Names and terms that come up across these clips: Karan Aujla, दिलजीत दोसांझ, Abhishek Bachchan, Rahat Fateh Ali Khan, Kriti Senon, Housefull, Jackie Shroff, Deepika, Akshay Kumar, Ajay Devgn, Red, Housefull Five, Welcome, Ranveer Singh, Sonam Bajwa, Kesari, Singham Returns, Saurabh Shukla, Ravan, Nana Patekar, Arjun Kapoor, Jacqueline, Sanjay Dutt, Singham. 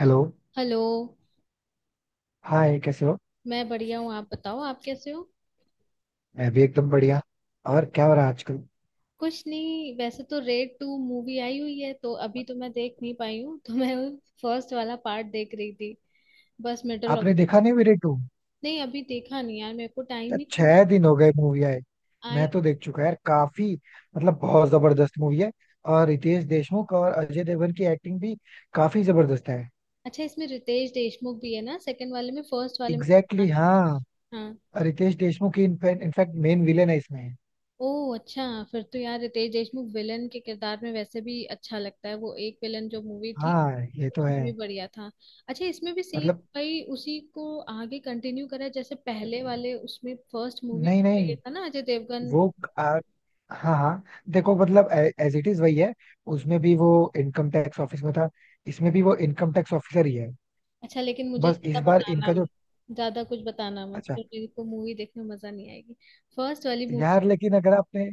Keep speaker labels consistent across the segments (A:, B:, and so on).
A: Hello.
B: Hello.
A: Hi, कैसे हो।
B: मैं बढ़िया हूँ। आप बताओ, आप कैसे हो?
A: मैं भी एकदम बढ़िया। और क्या हो रहा है आजकल।
B: कुछ नहीं, वैसे तो रेड टू मूवी आई हुई है तो अभी तो मैं देख नहीं पाई हूँ तो मैं फर्स्ट वाला पार्ट देख रही थी, बस मिडल ऑफ
A: आपने
B: द।
A: देखा नहीं मेरे टू।
B: नहीं, अभी देखा नहीं यार, मेरे को टाइम ही नहीं।
A: 6 दिन हो गए मूवी आए।
B: आई।
A: मैं तो देख चुका यार काफी। मतलब बहुत जबरदस्त मूवी है। और रितेश देशमुख और अजय देवगन की एक्टिंग भी काफी जबरदस्त है।
B: अच्छा, इसमें रितेश देशमुख भी है ना सेकंड वाले में? फर्स्ट वाले में तो था
A: एग्जैक्टली exactly,
B: नहीं।
A: हाँ।
B: हाँ।
A: और रितेश देशमुख की इनफैक्ट मेन विलेन है इसमें।
B: ओह अच्छा। फिर तो यार रितेश देशमुख विलन के किरदार में वैसे भी अच्छा लगता है। वो एक विलन जो मूवी थी
A: हाँ, ये तो है।
B: उसमें भी बढ़िया था। अच्छा, इसमें भी सेम।
A: मतलब,
B: भाई, उसी को आगे कंटिन्यू करा है, जैसे पहले वाले उसमें, फर्स्ट मूवी
A: नहीं,
B: में ये
A: नहीं।
B: था ना अजय देवगन।
A: वो आ, हाँ, हाँ। देखो, मतलब, एज इट इज वही है। उसमें भी वो इनकम टैक्स ऑफिस में था। इसमें भी वो इनकम टैक्स ऑफिसर ही है।
B: अच्छा, लेकिन मुझे
A: बस इस
B: ज्यादा
A: बार
B: बताना
A: इनका जो।
B: मत। ज्यादा कुछ बताना मत,
A: अच्छा।
B: फिर मेरे को मूवी देखने में मजा नहीं आएगी। फर्स्ट वाली मूवी।
A: यार लेकिन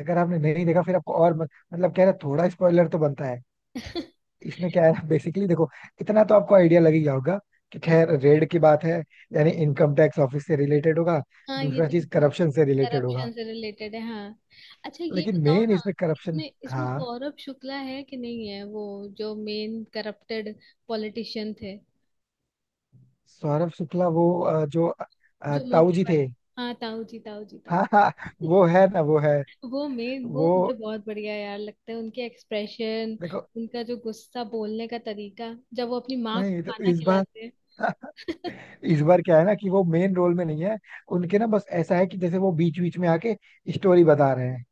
A: अगर आपने नहीं देखा फिर आपको और मतलब कह रहा थोड़ा स्पॉइलर तो बनता है। इसमें क्या है बेसिकली, देखो। इतना तो आपको आइडिया लग ही गया होगा कि
B: हाँ
A: खैर रेड की बात है। यानी इनकम टैक्स ऑफिस से रिलेटेड होगा।
B: हाँ। ये
A: दूसरा
B: तो
A: चीज
B: मैं।
A: करप्शन से रिलेटेड होगा।
B: करप्शन से रिलेटेड है, हाँ। अच्छा, ये
A: लेकिन
B: बताओ
A: मेन
B: ना।
A: इसमें करप्शन।
B: इसमें इसमें
A: हाँ।
B: सौरभ शुक्ला है कि नहीं है, वो जो मेन करप्टेड पॉलिटिशियन थे?
A: सौरभ शुक्ला वो जो
B: जो
A: ताऊ
B: मोटे
A: जी
B: वाले।
A: थे।
B: हाँ, ताऊ जी, ताऊ जी, ताऊ।
A: हाँ, हाँ। वो है ना, वो है।
B: वो मेन, वो
A: वो,
B: मुझे बहुत बढ़िया यार लगता है, उनके एक्सप्रेशन।
A: देखो,
B: उनका जो गुस्सा बोलने का तरीका, जब वो अपनी माँ को
A: नहीं। तो
B: खाना
A: इस बार
B: खिलाते हैं।
A: इस बार क्या है ना कि वो मेन रोल में नहीं है। उनके ना बस ऐसा है कि जैसे वो बीच बीच में आके स्टोरी बता रहे हैं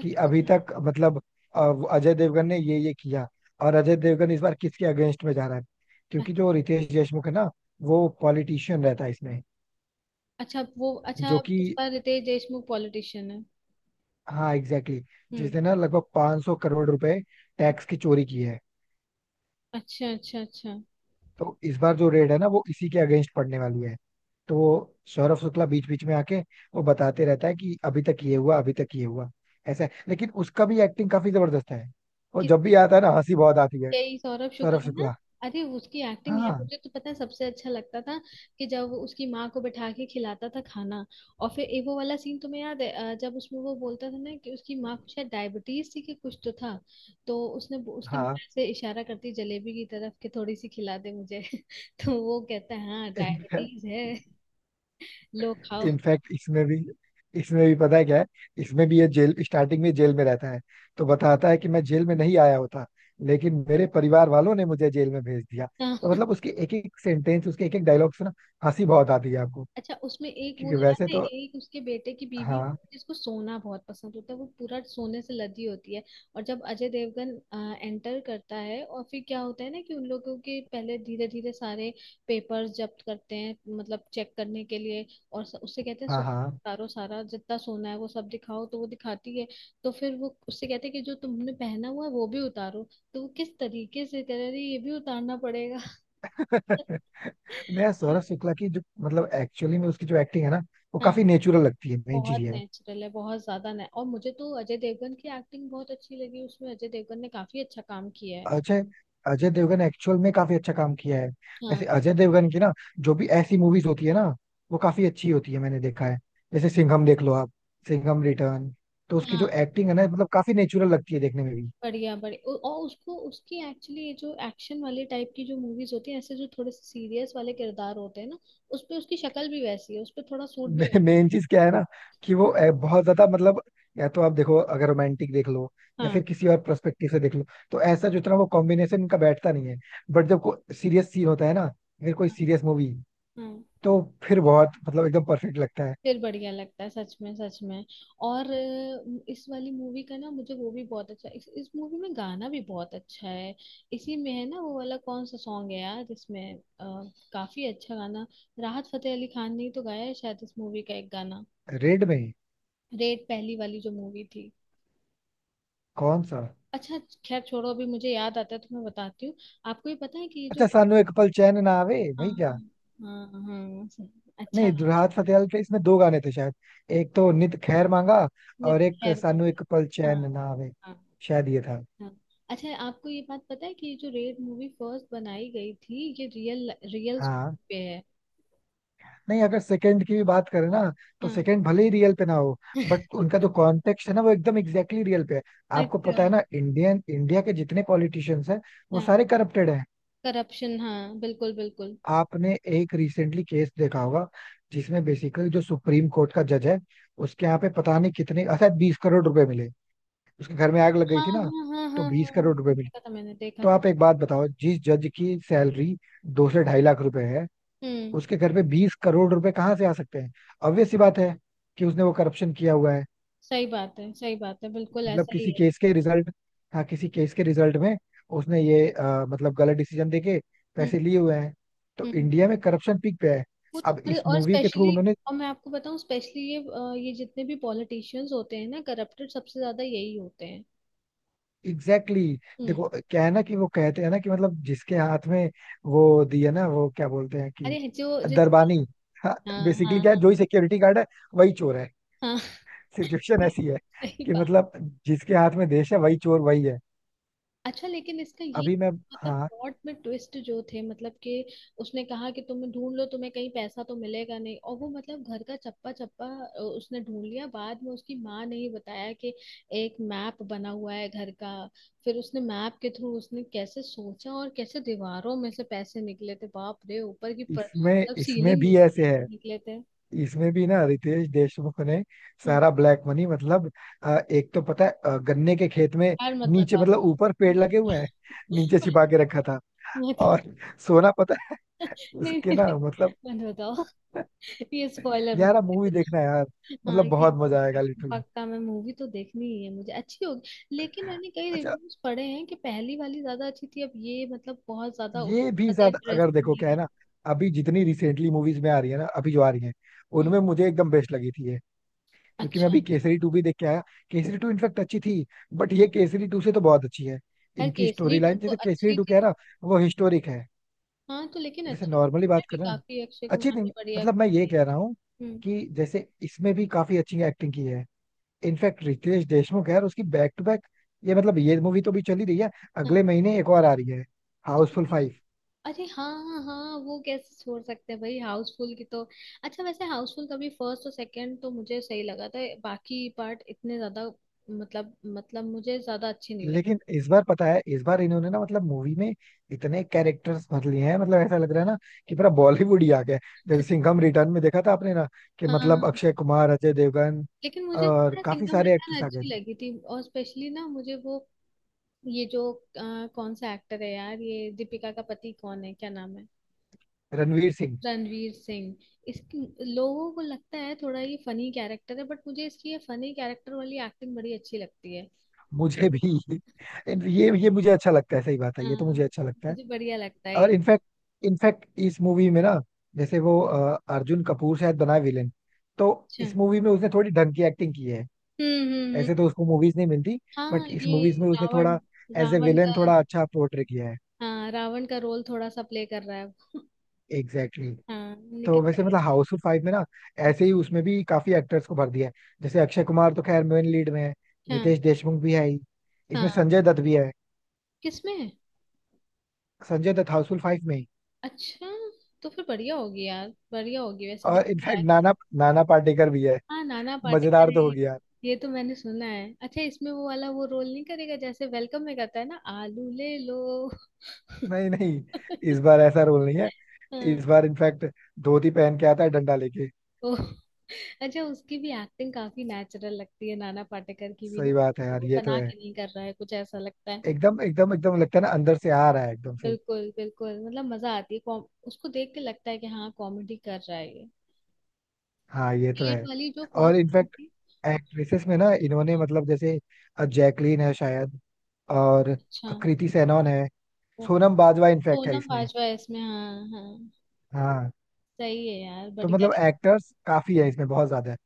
A: कि अभी
B: अच्छा,
A: तक मतलब वो अजय देवगन ने ये किया। और अजय देवगन इस बार किसके अगेंस्ट में जा रहा है। क्योंकि
B: अच्छा,
A: जो रितेश देशमुख है ना, वो पॉलिटिशियन रहता है इसमें।
B: अच्छा, वो अच्छा,
A: जो
B: अब
A: कि,
B: इस बार रितेश देशमुख पॉलिटिशियन है।
A: हाँ, एग्जैक्टली exactly,
B: हम्म।
A: जिसने ना लगभग 500 करोड़ रुपए टैक्स की चोरी की है।
B: अच्छा, अच्छा, अच्छा।
A: तो इस बार जो रेड है ना, वो इसी के अगेंस्ट पड़ने वाली है। तो वो सौरभ शुक्ला बीच बीच में आके वो बताते रहता है कि अभी तक ये हुआ, अभी तक ये हुआ ऐसा है। लेकिन उसका भी एक्टिंग काफी जबरदस्त है। वो जब भी आता है ना, हंसी बहुत आती है।
B: यही सौरभ
A: सौरभ
B: शुक्ला ना?
A: शुक्ला,
B: अरे, उसकी एक्टिंग है
A: हाँ,
B: मुझे तो पता है, सबसे अच्छा लगता था कि जब वो उसकी माँ को बैठा के खिलाता था खाना। और फिर ए वो वाला सीन तुम्हें याद है, जब उसमें वो बोलता था ना कि उसकी माँ को शायद डायबिटीज थी, कि कुछ तो था। तो उसने उसकी माँ
A: हाँ।
B: से इशारा करती जलेबी की तरफ कि थोड़ी सी खिला दे मुझे। तो वो कहता है हाँ
A: इनफैक्ट
B: डायबिटीज है। लो, खाओ।
A: इसमें भी, पता है क्या है। इसमें भी ये जेल, स्टार्टिंग में जेल में रहता है। तो बताता है कि मैं जेल में नहीं आया होता, लेकिन मेरे परिवार वालों ने मुझे जेल में भेज दिया।
B: हाँ।
A: तो मतलब उसके एक एक सेंटेंस, उसके एक एक डायलॉग से ना हंसी बहुत आती है आपको।
B: अच्छा, उसमें एक वो
A: क्योंकि
B: याद
A: वैसे
B: है,
A: तो,
B: एक उसके बेटे की बीवी
A: हाँ,
B: जिसको सोना बहुत पसंद होता है, वो पूरा सोने से लदी होती है। और जब अजय देवगन एंटर करता है और फिर क्या होता है ना, कि उन लोगों के पहले धीरे धीरे सारे पेपर्स जब्त करते हैं मतलब चेक करने के लिए। और उससे कहते हैं सो
A: हाँ, हाँ।
B: उतारो सारा, जितना सोना है वो सब दिखाओ, तो वो दिखाती है। तो फिर वो उससे कहते हैं कि जो तुमने पहना हुआ है वो भी उतारो। तो वो किस तरीके से कह रही, ये भी उतारना पड़ेगा।
A: नया सौरभ शुक्ला की जो मतलब एक्चुअली में उसकी जो एक्टिंग है ना, वो
B: हाँ।
A: काफी नेचुरल लगती है। मेन चीज
B: बहुत
A: ये है।
B: नेचुरल है, बहुत ज्यादा ने, और मुझे तो अजय देवगन की एक्टिंग बहुत अच्छी लगी, उसमें अजय देवगन ने काफी अच्छा काम किया है।
A: अजय अजय देवगन एक्चुअल में काफी अच्छा काम किया है।
B: हाँ।
A: वैसे अजय देवगन की ना जो भी ऐसी मूवीज होती है ना, वो काफी अच्छी होती है, मैंने देखा है। जैसे सिंघम देख लो आप, सिंघम रिटर्न। तो उसकी जो
B: हाँ,
A: एक्टिंग है ना मतलब काफी नेचुरल लगती है देखने में भी।
B: बढ़िया, बढ़िया, और उसको, उसकी एक्चुअली ये जो एक्शन वाले टाइप की जो मूवीज होती है, ऐसे जो थोड़े से सीरियस वाले किरदार होते हैं ना। उस पे उसकी शक्ल भी वैसी है, उस पे थोड़ा सूट भी होता
A: मेन चीज क्या है ना कि वो बहुत ज्यादा मतलब, या तो आप देखो अगर रोमांटिक देख लो
B: है।
A: या
B: हाँ,
A: फिर किसी और पर्सपेक्टिव से देख लो, तो ऐसा जितना वो कॉम्बिनेशन इनका बैठता नहीं है। बट जब कोई सीरियस सीन होता है ना, फिर कोई
B: हाँ,
A: सीरियस मूवी,
B: हाँ।
A: तो फिर बहुत मतलब एकदम परफेक्ट लगता है।
B: फिर बढ़िया लगता है, सच में, सच में। और इस वाली मूवी का ना मुझे वो भी बहुत अच्छा, इस मूवी में गाना भी बहुत अच्छा है। इसी में है ना वो वाला, कौन सा सॉन्ग है यार इसमें? काफी अच्छा गाना। राहत फतेह अली खान ने ही तो गाया है शायद, इस मूवी का एक गाना।
A: रेड में?
B: रेड पहली वाली जो मूवी थी।
A: कौन सा?
B: अच्छा। खैर छोड़ो, अभी मुझे याद आता है तो मैं बताती हूँ। आपको ये पता है कि ये जो।
A: अच्छा, सानू एक पल चैन ना आवे।
B: हाँ,
A: भाई क्या।
B: हाँ, हाँ, हाँ, सही। अच्छा।
A: नहीं, राहत फतेह अली के इसमें दो गाने थे शायद। एक तो नित खैर मांगा, और
B: नित
A: एक
B: खैर।
A: सानू एक पल
B: हाँ।
A: चैन ना आवे।
B: हाँ।
A: शायद ये था।
B: हाँ। अच्छा, आपको ये बात पता है कि ये जो रेड मूवी फर्स्ट बनाई गई थी ये रियल, रियल
A: हाँ।
B: पे है।
A: नहीं, अगर सेकंड की भी बात करें ना, तो
B: हाँ।
A: सेकंड भले ही रियल पे ना हो, बट उनका जो कॉन्टेक्स्ट है ना, वो एकदम एग्जैक्टली रियल पे है। आपको
B: अच्छा।
A: पता है ना इंडियन इंडिया के जितने पॉलिटिशियंस हैं, वो
B: हाँ।
A: सारे करप्टेड हैं।
B: करप्शन, हाँ, बिल्कुल, बिल्कुल।
A: आपने एक रिसेंटली केस देखा होगा, जिसमें बेसिकली जो सुप्रीम कोर्ट का जज है, उसके यहाँ पे पता नहीं कितने, अच्छा 20 करोड़ रुपए मिले। उसके घर में आग लग गई
B: हाँ,
A: थी
B: हाँ,
A: ना,
B: हाँ,
A: तो
B: हाँ,
A: बीस
B: हाँ, हाँ,
A: करोड़ रुपए मिले।
B: देखा था, मैंने देखा
A: तो
B: था।
A: आप एक बात बताओ, जिस जज की सैलरी 2 से ढाई लाख रुपए है,
B: हम्म।
A: उसके घर पे 20 करोड़ रुपए कहाँ से आ सकते हैं। ऑब्वियस सी बात है कि उसने वो करप्शन किया हुआ है।
B: सही बात है, सही बात है, बिल्कुल
A: मतलब
B: ऐसा ही
A: किसी
B: है।
A: केस के रिजल्ट, हाँ, किसी केस के रिजल्ट में उसने ये मतलब गलत डिसीजन देके
B: हम्म।
A: पैसे लिए हुए हैं। तो
B: हम्म।
A: इंडिया में करप्शन पीक पे है।
B: वो तो
A: अब
B: और,
A: इस
B: और
A: मूवी के थ्रू
B: स्पेशली।
A: उन्होंने,
B: और मैं आपको बताऊं स्पेशली ये जितने भी पॉलिटिशियंस होते हैं ना करप्टेड, सबसे ज्यादा यही होते हैं।
A: एग्जैक्टली exactly,
B: हम्म।
A: देखो क्या है ना कि वो कहते हैं ना कि मतलब जिसके हाथ में वो दिया ना, वो क्या बोलते हैं कि
B: अरे, जो जिसका।
A: दरबानी।
B: हाँ,
A: बेसिकली
B: हाँ,
A: क्या
B: हाँ।
A: है, जो ही सिक्योरिटी गार्ड है वही चोर है।
B: हाँ।
A: सिचुएशन ऐसी है
B: सही
A: कि
B: बात।
A: मतलब जिसके हाथ में देश है, वही चोर, वही है।
B: अच्छा, लेकिन इसका ये।
A: अभी मैं,
B: मतलब
A: हाँ,
B: प्लॉट में ट्विस्ट जो थे, मतलब कि उसने कहा कि तुम ढूंढ लो, तुम्हें कहीं पैसा तो मिलेगा नहीं, और वो मतलब घर का चप्पा चप्पा उसने ढूंढ लिया, बाद में उसकी माँ ने ही बताया कि एक मैप बना हुआ है घर का। फिर उसने मैप के थ्रू उसने कैसे सोचा और कैसे दीवारों में से पैसे निकले थे, बाप रे, ऊपर की पर
A: इसमें
B: मतलब
A: इसमें
B: सीलिंग में
A: भी
B: से
A: ऐसे है।
B: पैसे निकले थे।
A: इसमें भी ना रितेश देशमुख ने
B: हम्म।
A: सारा ब्लैक मनी मतलब एक तो पता है गन्ने के खेत में
B: यार मत
A: नीचे,
B: बताओ।
A: मतलब ऊपर पेड़
B: मत
A: लगे हुए हैं, नीचे छिपा
B: बताओ।
A: के रखा था।
B: मत-
A: और सोना पता है
B: नहीं,
A: उसके
B: नहीं, नहीं,
A: ना, मतलब
B: मत बताओ। ये स्पॉइलर
A: यार
B: होता
A: मूवी
B: है।
A: देखना है यार, मतलब
B: हाँ, कि
A: बहुत मजा आएगा
B: देखूं।
A: लिटरली।
B: पक्का मैं मूवी तो देखनी ही है, मुझे अच्छी होगी। लेकिन मैंने कई
A: अच्छा,
B: रिव्यूज पढ़े हैं कि पहली वाली ज्यादा अच्छी थी, अब ये मतलब बहुत ज्यादा
A: ये भी
B: ज्यादा
A: साथ अगर
B: इंटरेस्टिंग
A: देखो
B: नहीं
A: क्या है
B: है।
A: ना, अभी जितनी रिसेंटली मूवीज में आ रही है ना, अभी जो आ रही है
B: हम्म,
A: उनमें मुझे एकदम बेस्ट लगी थी ये। क्योंकि मैं
B: अच्छा।
A: अभी केसरी टू भी देख के आया। केसरी टू इनफेक्ट अच्छी थी, बट
B: हाँ,
A: ये केसरी टू से तो बहुत अच्छी है।
B: यार
A: इनकी स्टोरी
B: केसरी टू
A: लाइन,
B: तो
A: जैसे केसरी
B: अच्छी
A: टू कह
B: थी।
A: रहा, वो हिस्टोरिक है।
B: हाँ तो लेकिन
A: जैसे
B: अच्छी थी
A: नॉर्मली
B: उसमें
A: बात
B: भी,
A: कर रहे हैं,
B: काफी अक्षय
A: अच्छी
B: कुमार
A: नहीं,
B: ने बढ़िया
A: मतलब मैं ये
B: करी है।
A: कह रहा हूँ
B: हम्म।
A: कि जैसे इसमें भी काफी अच्छी एक्टिंग की है। इनफैक्ट रितेश देशमुख है और उसकी बैक टू बैक, ये मतलब ये मूवी तो भी चली रही है,
B: हाँ,
A: अगले महीने एक और आ रही है,
B: कौन
A: हाउसफुल
B: सी?
A: फाइव।
B: अरे हाँ, हाँ, हाँ, वो कैसे छोड़ सकते हैं भाई हाउसफुल की तो। अच्छा, वैसे हाउसफुल का भी फर्स्ट और सेकंड तो मुझे सही लगा था, बाकी पार्ट इतने ज्यादा, मतलब मुझे ज्यादा अच्छे नहीं
A: लेकिन
B: लगे।
A: इस बार पता है, इस बार इन्होंने ना मतलब मूवी में इतने कैरेक्टर्स भर लिए हैं, मतलब ऐसा लग रहा है ना कि पूरा बॉलीवुड ही आ गया है। जैसे सिंघम रिटर्न में देखा था आपने ना कि
B: हाँ,
A: मतलब अक्षय कुमार, अजय देवगन,
B: लेकिन मुझे
A: और
B: पता है
A: काफी
B: सिंघम
A: सारे
B: रिटर्न
A: एक्टर्स आ गए
B: अच्छी
A: थे।
B: लगी थी, और स्पेशली ना मुझे वो, ये जो कौन सा एक्टर है यार, ये दीपिका का पति कौन है, क्या नाम है?
A: रणवीर सिंह।
B: रणवीर सिंह। इसकी, लोगों को लगता है थोड़ा ये फनी कैरेक्टर है, बट मुझे इसकी ये फनी कैरेक्टर वाली एक्टिंग बड़ी अच्छी लगती है।
A: मुझे भी ये मुझे अच्छा लगता है। सही बात है, ये तो
B: हाँ।
A: मुझे अच्छा लगता है।
B: मुझे बढ़िया लगता है।
A: और इनफैक्ट, इस मूवी में ना जैसे वो अर्जुन कपूर शायद बना विलेन, तो
B: अच्छा।
A: इस मूवी में उसने थोड़ी ढंग की एक्टिंग की है।
B: हम्म, हम्म,
A: ऐसे तो उसको मूवीज नहीं मिलती,
B: हाँ
A: बट इस
B: ये।
A: मूवीज में उसने
B: रावण।
A: थोड़ा एज ए
B: रावण
A: विलेन
B: का।
A: थोड़ा अच्छा पोर्ट्रे किया है।
B: हाँ, रावण का रोल थोड़ा सा प्ले कर रहा है।
A: Exactly exactly.
B: हाँ,
A: तो
B: निखिल
A: वैसे
B: बढ़िया।
A: मतलब हाउसफुल फाइव में ना ऐसे ही उसमें भी काफी एक्टर्स को भर दिया है। जैसे अक्षय कुमार तो खैर मेन लीड में है,
B: हाँ।
A: रितेश देशमुख भी है ही, इसमें
B: हाँ।
A: संजय दत्त भी है।
B: किसमें है?
A: संजय दत्त हाउसफुल फाइव में ही।
B: अच्छा। तो फिर बढ़िया होगी यार, बढ़िया होगी वैसे,
A: और
B: देखने
A: इनफैक्ट
B: लायक।
A: नाना नाना पाटेकर भी है।
B: हाँ, नाना पाटेकर
A: मजेदार
B: है
A: तो हो
B: ये तो।
A: गया।
B: ये तो मैंने सुना है, अच्छा, इसमें वो वाला वो रोल नहीं करेगा जैसे वेलकम में करता है ना, आलू ले लो।
A: नहीं, नहीं, इस बार ऐसा रोल नहीं है।
B: हाँ,
A: इस बार इनफैक्ट धोती पहन के आता है, डंडा लेके।
B: ओ। अच्छा, उसकी भी एक्टिंग काफी नेचुरल लगती है, नाना पाटेकर की भी ना।
A: सही बात है
B: तो
A: यार,
B: वो
A: ये तो
B: बना
A: है।
B: के नहीं कर रहा है, कुछ ऐसा लगता है।
A: एकदम, एकदम, एकदम लगता है ना, अंदर से आ रहा है एकदम से।
B: बिल्कुल, बिल्कुल, मतलब मजा आती है, कॉम उसको देख के लगता है कि हाँ, कॉमेडी कर रहा है ये।
A: हाँ, ये तो
B: B.Ed.
A: है।
B: वाली जो
A: और
B: फर्स्ट फिल्म
A: इनफैक्ट
B: थी।
A: एक्ट्रेसेस में ना इन्होंने
B: हाँ,
A: मतलब, जैसे जैकलीन है शायद, और
B: अच्छा,
A: कृति सेनन है,
B: वो,
A: सोनम बाजवा इनफैक्ट है
B: सोनम
A: इसमें।
B: बाजवा है इसमें, हाँ, हाँ।
A: हाँ।
B: सही है यार,
A: तो
B: बढ़िया
A: मतलब
B: रे।
A: एक्टर्स काफी है इसमें, बहुत ज्यादा है,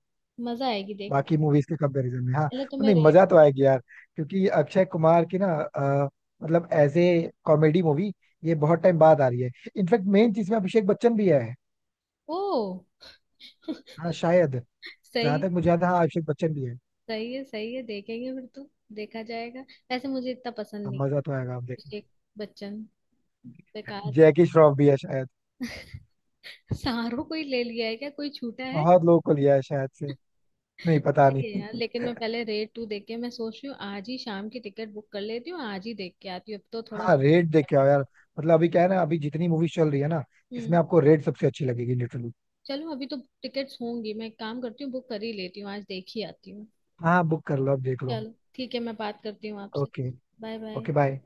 B: मजा आएगी देख।
A: बाकी मूवीज के कंपैरिजन में। हाँ,
B: पहले तो मैं
A: नहीं, मजा तो
B: रेट।
A: आएगी यार। क्योंकि अक्षय कुमार की ना, मतलब एज ए कॉमेडी मूवी ये बहुत टाइम बाद आ रही है। इनफैक्ट मेन चीज में अभिषेक बच्चन भी है,
B: ओ।
A: हाँ शायद। जहां तक मुझे
B: सही।
A: याद है, हाँ, अभिषेक बच्चन भी है।
B: सही है, सही है, देखेंगे फिर तो। देखा जाएगा। वैसे मुझे इतना पसंद
A: हाँ,
B: नहीं।
A: मजा तो आएगा, आप देखना।
B: अभिषेक बच्चन। बेकार।
A: जैकी श्रॉफ भी है शायद,
B: सारो कोई ले लिया है क्या, कोई छूटा है?
A: बहुत लोकल लिया है शायद से। नहीं, पता
B: सही
A: नहीं।
B: है यार, लेकिन मैं पहले रेट टू देख के, मैं सोच रही हूँ आज ही शाम की टिकट बुक कर लेती हूँ, आज ही देख के आती हूँ, अब तो थोड़ा।
A: हाँ, रेट देख के आओ यार, मतलब अभी क्या है ना, अभी जितनी मूवी चल रही है ना, इसमें
B: हम्म।
A: आपको रेट सबसे अच्छी लगेगी लिटरली।
B: चलो अभी तो। टिकट्स होंगी, मैं एक काम करती हूँ, बुक कर ही लेती हूँ, आज देख ही आती हूँ।
A: हाँ, बुक कर लो, अब देख लो।
B: चलो ठीक है, मैं बात करती हूँ आपसे।
A: Okay.
B: Bye bye.
A: Okay, bye.